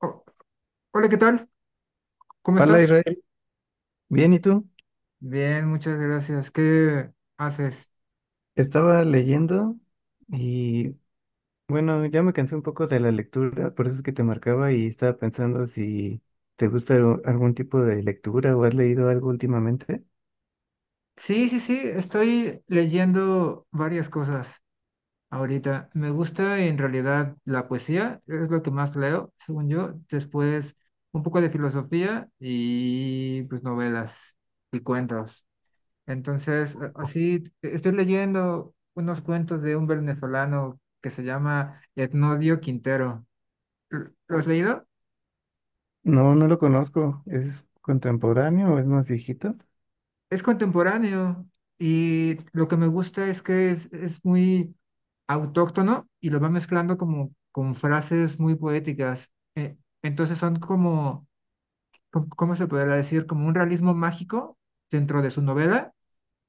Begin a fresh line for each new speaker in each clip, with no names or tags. Oh, hola, ¿qué tal? ¿Cómo
Hola
estás?
Israel, bien, ¿y tú?
Bien, muchas gracias. ¿Qué haces?
Estaba leyendo y bueno, ya me cansé un poco de la lectura, por eso es que te marcaba y estaba pensando si te gusta algún tipo de lectura o has leído algo últimamente.
Sí, sí, sí, estoy leyendo varias cosas ahorita. Me gusta en realidad la poesía, es lo que más leo, según yo. Después un poco de filosofía y pues novelas y cuentos. Entonces, así estoy leyendo unos cuentos de un venezolano que se llama Etnodio Quintero. ¿Lo has leído?
No, no lo conozco, ¿es contemporáneo o es más viejito?
Es contemporáneo y lo que me gusta es que es muy autóctono y lo va mezclando como con frases muy poéticas. Entonces son como, ¿cómo se podría decir? Como un realismo mágico dentro de su novela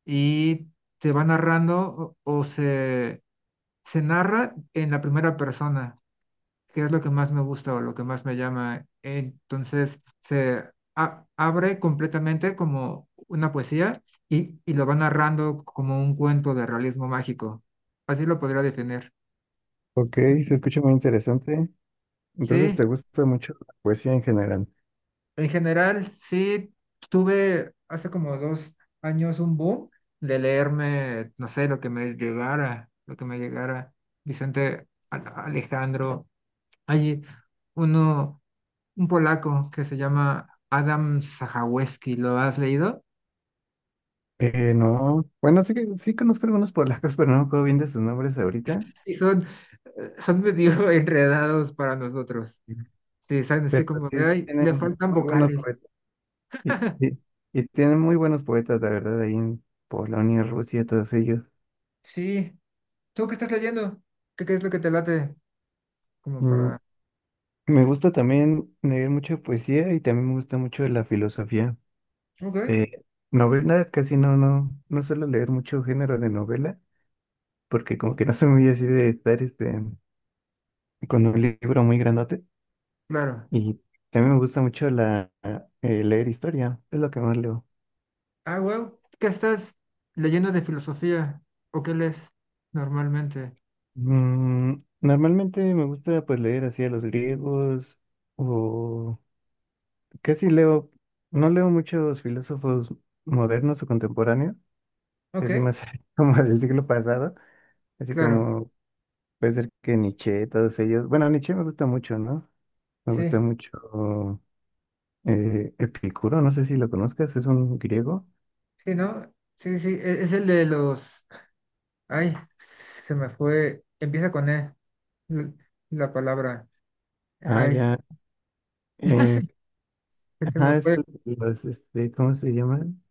y se va narrando o se narra en la primera persona que es lo que más me gusta o lo que más me llama. Entonces se abre completamente como una poesía y lo va narrando como un cuento de realismo mágico. Así lo podría definir.
Ok, se escucha muy interesante. Entonces,
Sí,
¿te gusta mucho la poesía en general?
en general, sí, tuve hace como dos años un boom de leerme, no sé, lo que me llegara, lo que me llegara. Vicente Alejandro, hay uno un polaco que se llama Adam Sajaweski, ¿lo has leído?
No, bueno, sí que sí conozco algunos polacos, pero no me acuerdo bien de sus nombres ahorita.
Sí, son, son medio enredados para nosotros.
Mm.
Sí, son así
Pero
como de,
sí
ay,
tienen
le faltan
muy buenos
vocales.
poetas. Y, y- y tienen muy buenos poetas, la verdad, ahí en Polonia, Rusia, todos ellos.
Sí, ¿tú qué estás leyendo? Qué es lo que te late? Como
Mm,
para...
me gusta también leer mucha poesía y también me gusta mucho la filosofía.
Ok,
Eh, novela, casi no, suelo leer mucho género de novela, porque como que no soy muy así de estar este, con un libro muy grandote.
claro.
Y también me gusta mucho leer historia, es lo que más leo.
Ah, wow. ¿Qué estás leyendo de filosofía? ¿O qué lees normalmente?
Mm, normalmente me gusta pues leer así a los griegos o... Casi leo, no leo muchos filósofos modernos o contemporáneos, así
Ok,
más como del siglo pasado, así
claro.
como puede ser que Nietzsche, todos ellos. Bueno, Nietzsche me gusta mucho, ¿no? Me gusta
Sí,
mucho Epicuro, no sé si lo conozcas, es un griego.
sí, ¿no? Sí, sí, es el de los. Ay, se me fue. Empieza con E, l- la palabra.
Ah,
Ay,
ya. eh,
sí, se me
ajá, es
fue.
¿cómo se llaman?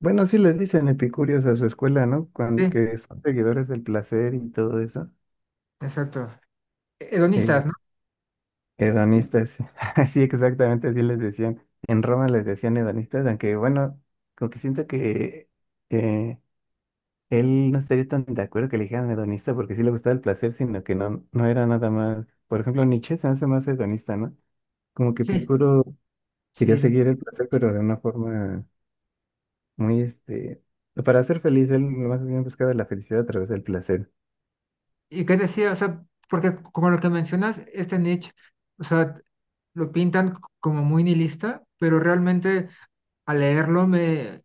Bueno, sí les dicen epicúreos a su escuela, ¿no? Cuando,
Sí,
que son seguidores del placer y todo eso.
exacto.
Eh,
Hedonistas, ¿no?
Hedonistas, sí, exactamente así les decían. En Roma les decían hedonistas, aunque bueno, como que siento que eh, él no estaría tan de acuerdo que le dijeran hedonista porque sí le gustaba el placer, sino que no, no era nada más. Por ejemplo, Nietzsche se hace más hedonista, ¿no? Como que
Sí,
Epicuro
sí,
quería seguir el
hedonista.
placer, pero de una forma muy, este, para ser feliz, él más bien buscaba la felicidad a través del placer.
¿Y qué decía? O sea, porque como lo que mencionas, este Nietzsche, o sea, lo pintan como muy nihilista, pero realmente al leerlo me,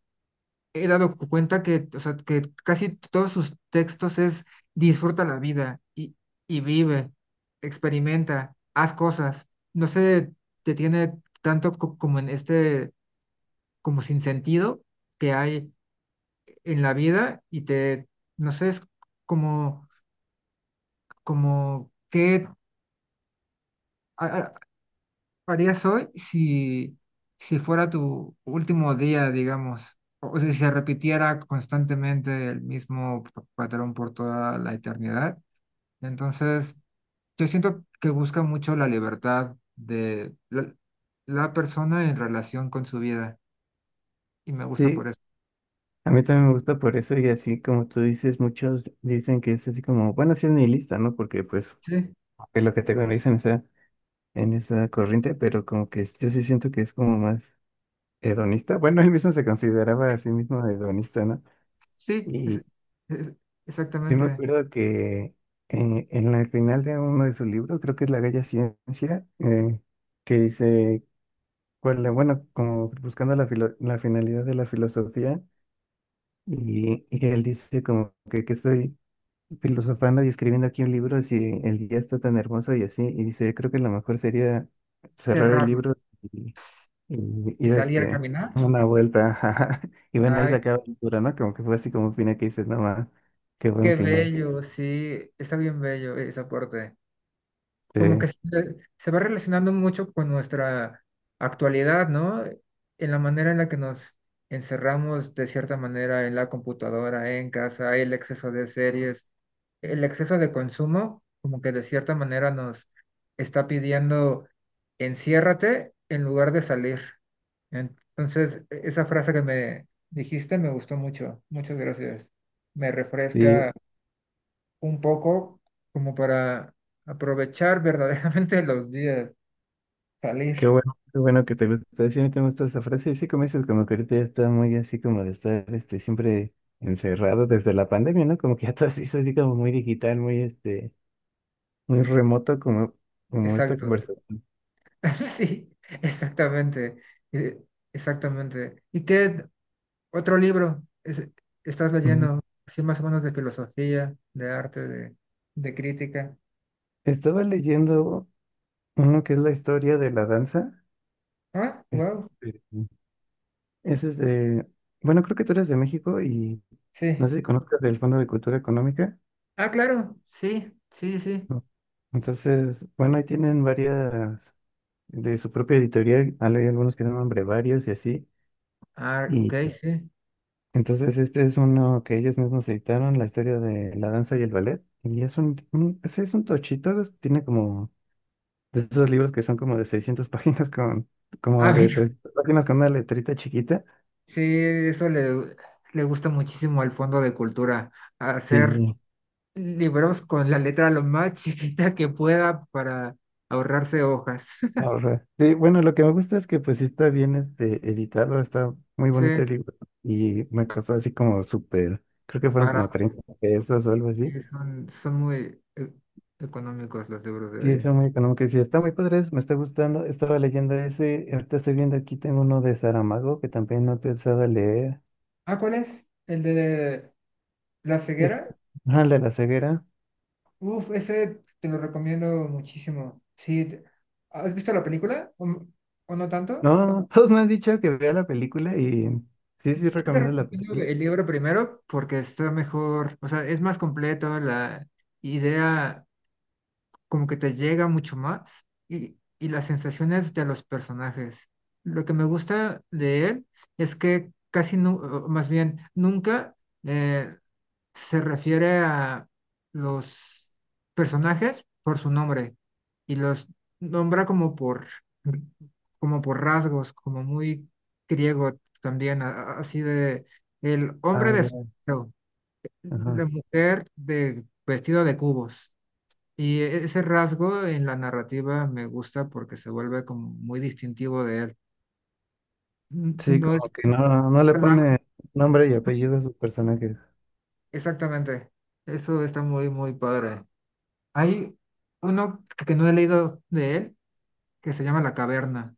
he dado cuenta que, o sea, que casi todos sus textos es disfruta la vida y vive, experimenta, haz cosas. No se detiene tanto como en este, como sin sentido que hay en la vida y te, no sé, es como, como que a- a- harías hoy si, si fuera tu último día, ¿digamos? O sea, si se repitiera constantemente el mismo patrón por toda la eternidad. Entonces, yo siento que busca mucho la libertad de la persona en relación con su vida y me gusta por
Sí,
eso.
a mí también me gusta por eso y así como tú dices, muchos dicen que es así como, bueno, sí es nihilista, ¿no? Porque pues
Sí,
es lo que te dicen en esa corriente, pero como que yo sí siento que es como más hedonista. Bueno, él mismo se consideraba a sí mismo hedonista, ¿no?
sí,
Y
es-
yo me
exactamente.
acuerdo que en la final de uno de sus libros, creo que es La Bella Ciencia, que dice, cuál, bueno, como buscando la, la finalidad de la filosofía, y él dice como que estoy filosofando y escribiendo aquí un libro si el día está tan hermoso y así, y dice, yo creo que lo mejor sería cerrar el
Cerrarlo
libro. Y
y
ir
salir a
este,
caminar.
a una vuelta, ajá. Y ven ahí se
Ay,
acaba la aventura, ¿no? Como que fue así como un final que dices, no más, qué buen
qué
final.
bello, sí, está bien bello ese aporte.
Sí,
Como que se va relacionando mucho con nuestra actualidad, ¿no? En la manera en la que nos encerramos de cierta manera en la computadora, en casa, el exceso de series, el exceso de consumo, como que de cierta manera nos está pidiendo enciérrate en lugar de salir. Entonces, esa frase que me dijiste me gustó mucho. Muchas gracias. Me
sí,
refresca un poco como para aprovechar verdaderamente los días, salir.
qué bueno que te gusta. Sí, a mí te gusta esa frase. Y sí, como dices, como que ahorita ya está muy así como de estar este, siempre encerrado desde la pandemia, ¿no? Como que ya todo se hizo así como muy digital, muy este, muy remoto, como, como esta
Exacto.
conversación.
Sí, exactamente. eh, Exactamente. ¿Y qué otro libro estás
Ujú.
leyendo? Así más o menos de filosofía, de arte, de crítica.
Estaba leyendo uno que es la historia de la danza.
Ah, wow.
Este, ese es de, bueno, creo que tú eres de México y no
Sí.
sé si conozcas del Fondo de Cultura Económica.
Ah, claro. Sí, sí, sí.
No. Entonces, bueno, ahí tienen varias de su propia editorial. Hay algunos que llaman brevarios y así.
Ah, ok,
Y
sí.
entonces este es uno que ellos mismos editaron, la historia de la danza y el ballet. Y es ese es un tochito, es- tiene como de esos libros que son como de 600 páginas con,
A
como
ver,
de 300 páginas con una letrita chiquita.
sí, eso le, le gusta muchísimo al Fondo de Cultura,
Sí.
hacer libros con la letra lo más chiquita que pueda para ahorrarse hojas.
Ahorra. Sí, bueno, lo que me gusta es que pues sí está bien este, editado, está muy
Sí,
bonito el libro y me costó así como súper, creo que fueron como
barato.
30 pesos o algo
Sí,
así.
son, son muy económicos los libros de
Sí,
ahí.
está muy económico y sí, está muy padre, es- me está gustando. Estaba leyendo ese, ahorita estoy viendo aquí, tengo uno de Saramago que también no pensaba leer.
Ah, ¿cuál es? ¿El de La
El,
ceguera?
ah, el de la ceguera.
Uf, ese te lo recomiendo muchísimo. Sí, ¿has visto la película? ¿O, o no tanto?
No, no, todos me han dicho que vea la película y sí, sí
Yo te
recomiendo la
recomiendo
película.
el libro primero porque está mejor, o sea, es más completo, la idea como que te llega mucho más y las sensaciones de los personajes. Lo que me gusta de él es que casi, o más bien, nunca eh, se refiere a los personajes por su nombre y los nombra como por, como por rasgos, como muy griego también, así de el hombre
Ah,
de
ya,
sombrero,
ajá.
la mujer de vestido de cubos. Y ese rasgo en la narrativa me gusta porque se vuelve como muy distintivo de él.
Sí,
No es
como que no, no le
palabra-
pone nombre y apellido a sus personajes.
exactamente. Eso está muy, muy padre. Hay uno que no he leído de él que se llama La Caverna.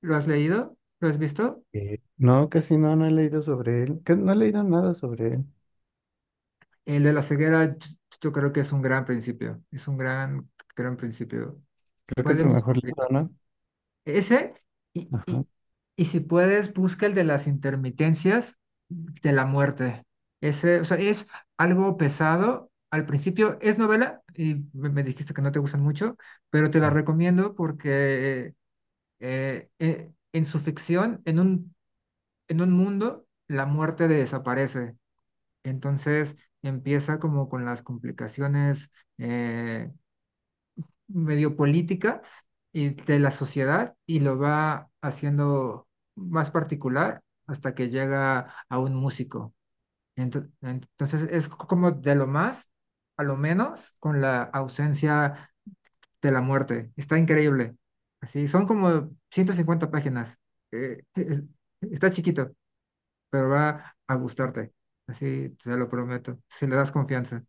¿Lo has leído? ¿Lo has visto?
No, casi no, no he leído sobre él. Que no he leído nada sobre él.
El de la ceguera, yo creo que es un gran principio. Es un gran, gran principio.
Creo que
Fue
es
de
su
mis
mejor libro,
favoritos.
¿no?
Ese, y,
Ajá.
y, y si puedes, busca el de las intermitencias de la muerte. Ese, o sea, es algo pesado. Al principio es novela, y me dijiste que no te gustan mucho, pero te la recomiendo porque en su ficción, en un mundo, la muerte desaparece. Entonces empieza como con las complicaciones eh, medio políticas y de la sociedad y lo va haciendo más particular hasta que llega a un músico. Entonces es como de lo más a lo menos con la ausencia de la muerte. Está increíble. Así, son como 150 páginas. Eh, es- Está chiquito, pero va a gustarte. Así te lo prometo, si le das confianza.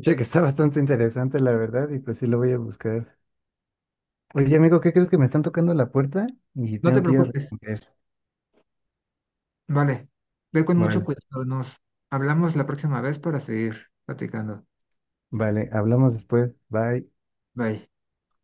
Oye, que está bastante interesante, la verdad, y pues sí lo voy a buscar. Oye, amigo, ¿qué crees que me están tocando la puerta? Y
No te
tengo que ir a
preocupes.
responder.
Vale, ve con mucho
Vale,
cuidado. Nos hablamos la próxima vez para seguir platicando.
vale, hablamos después. Bye.
Bye.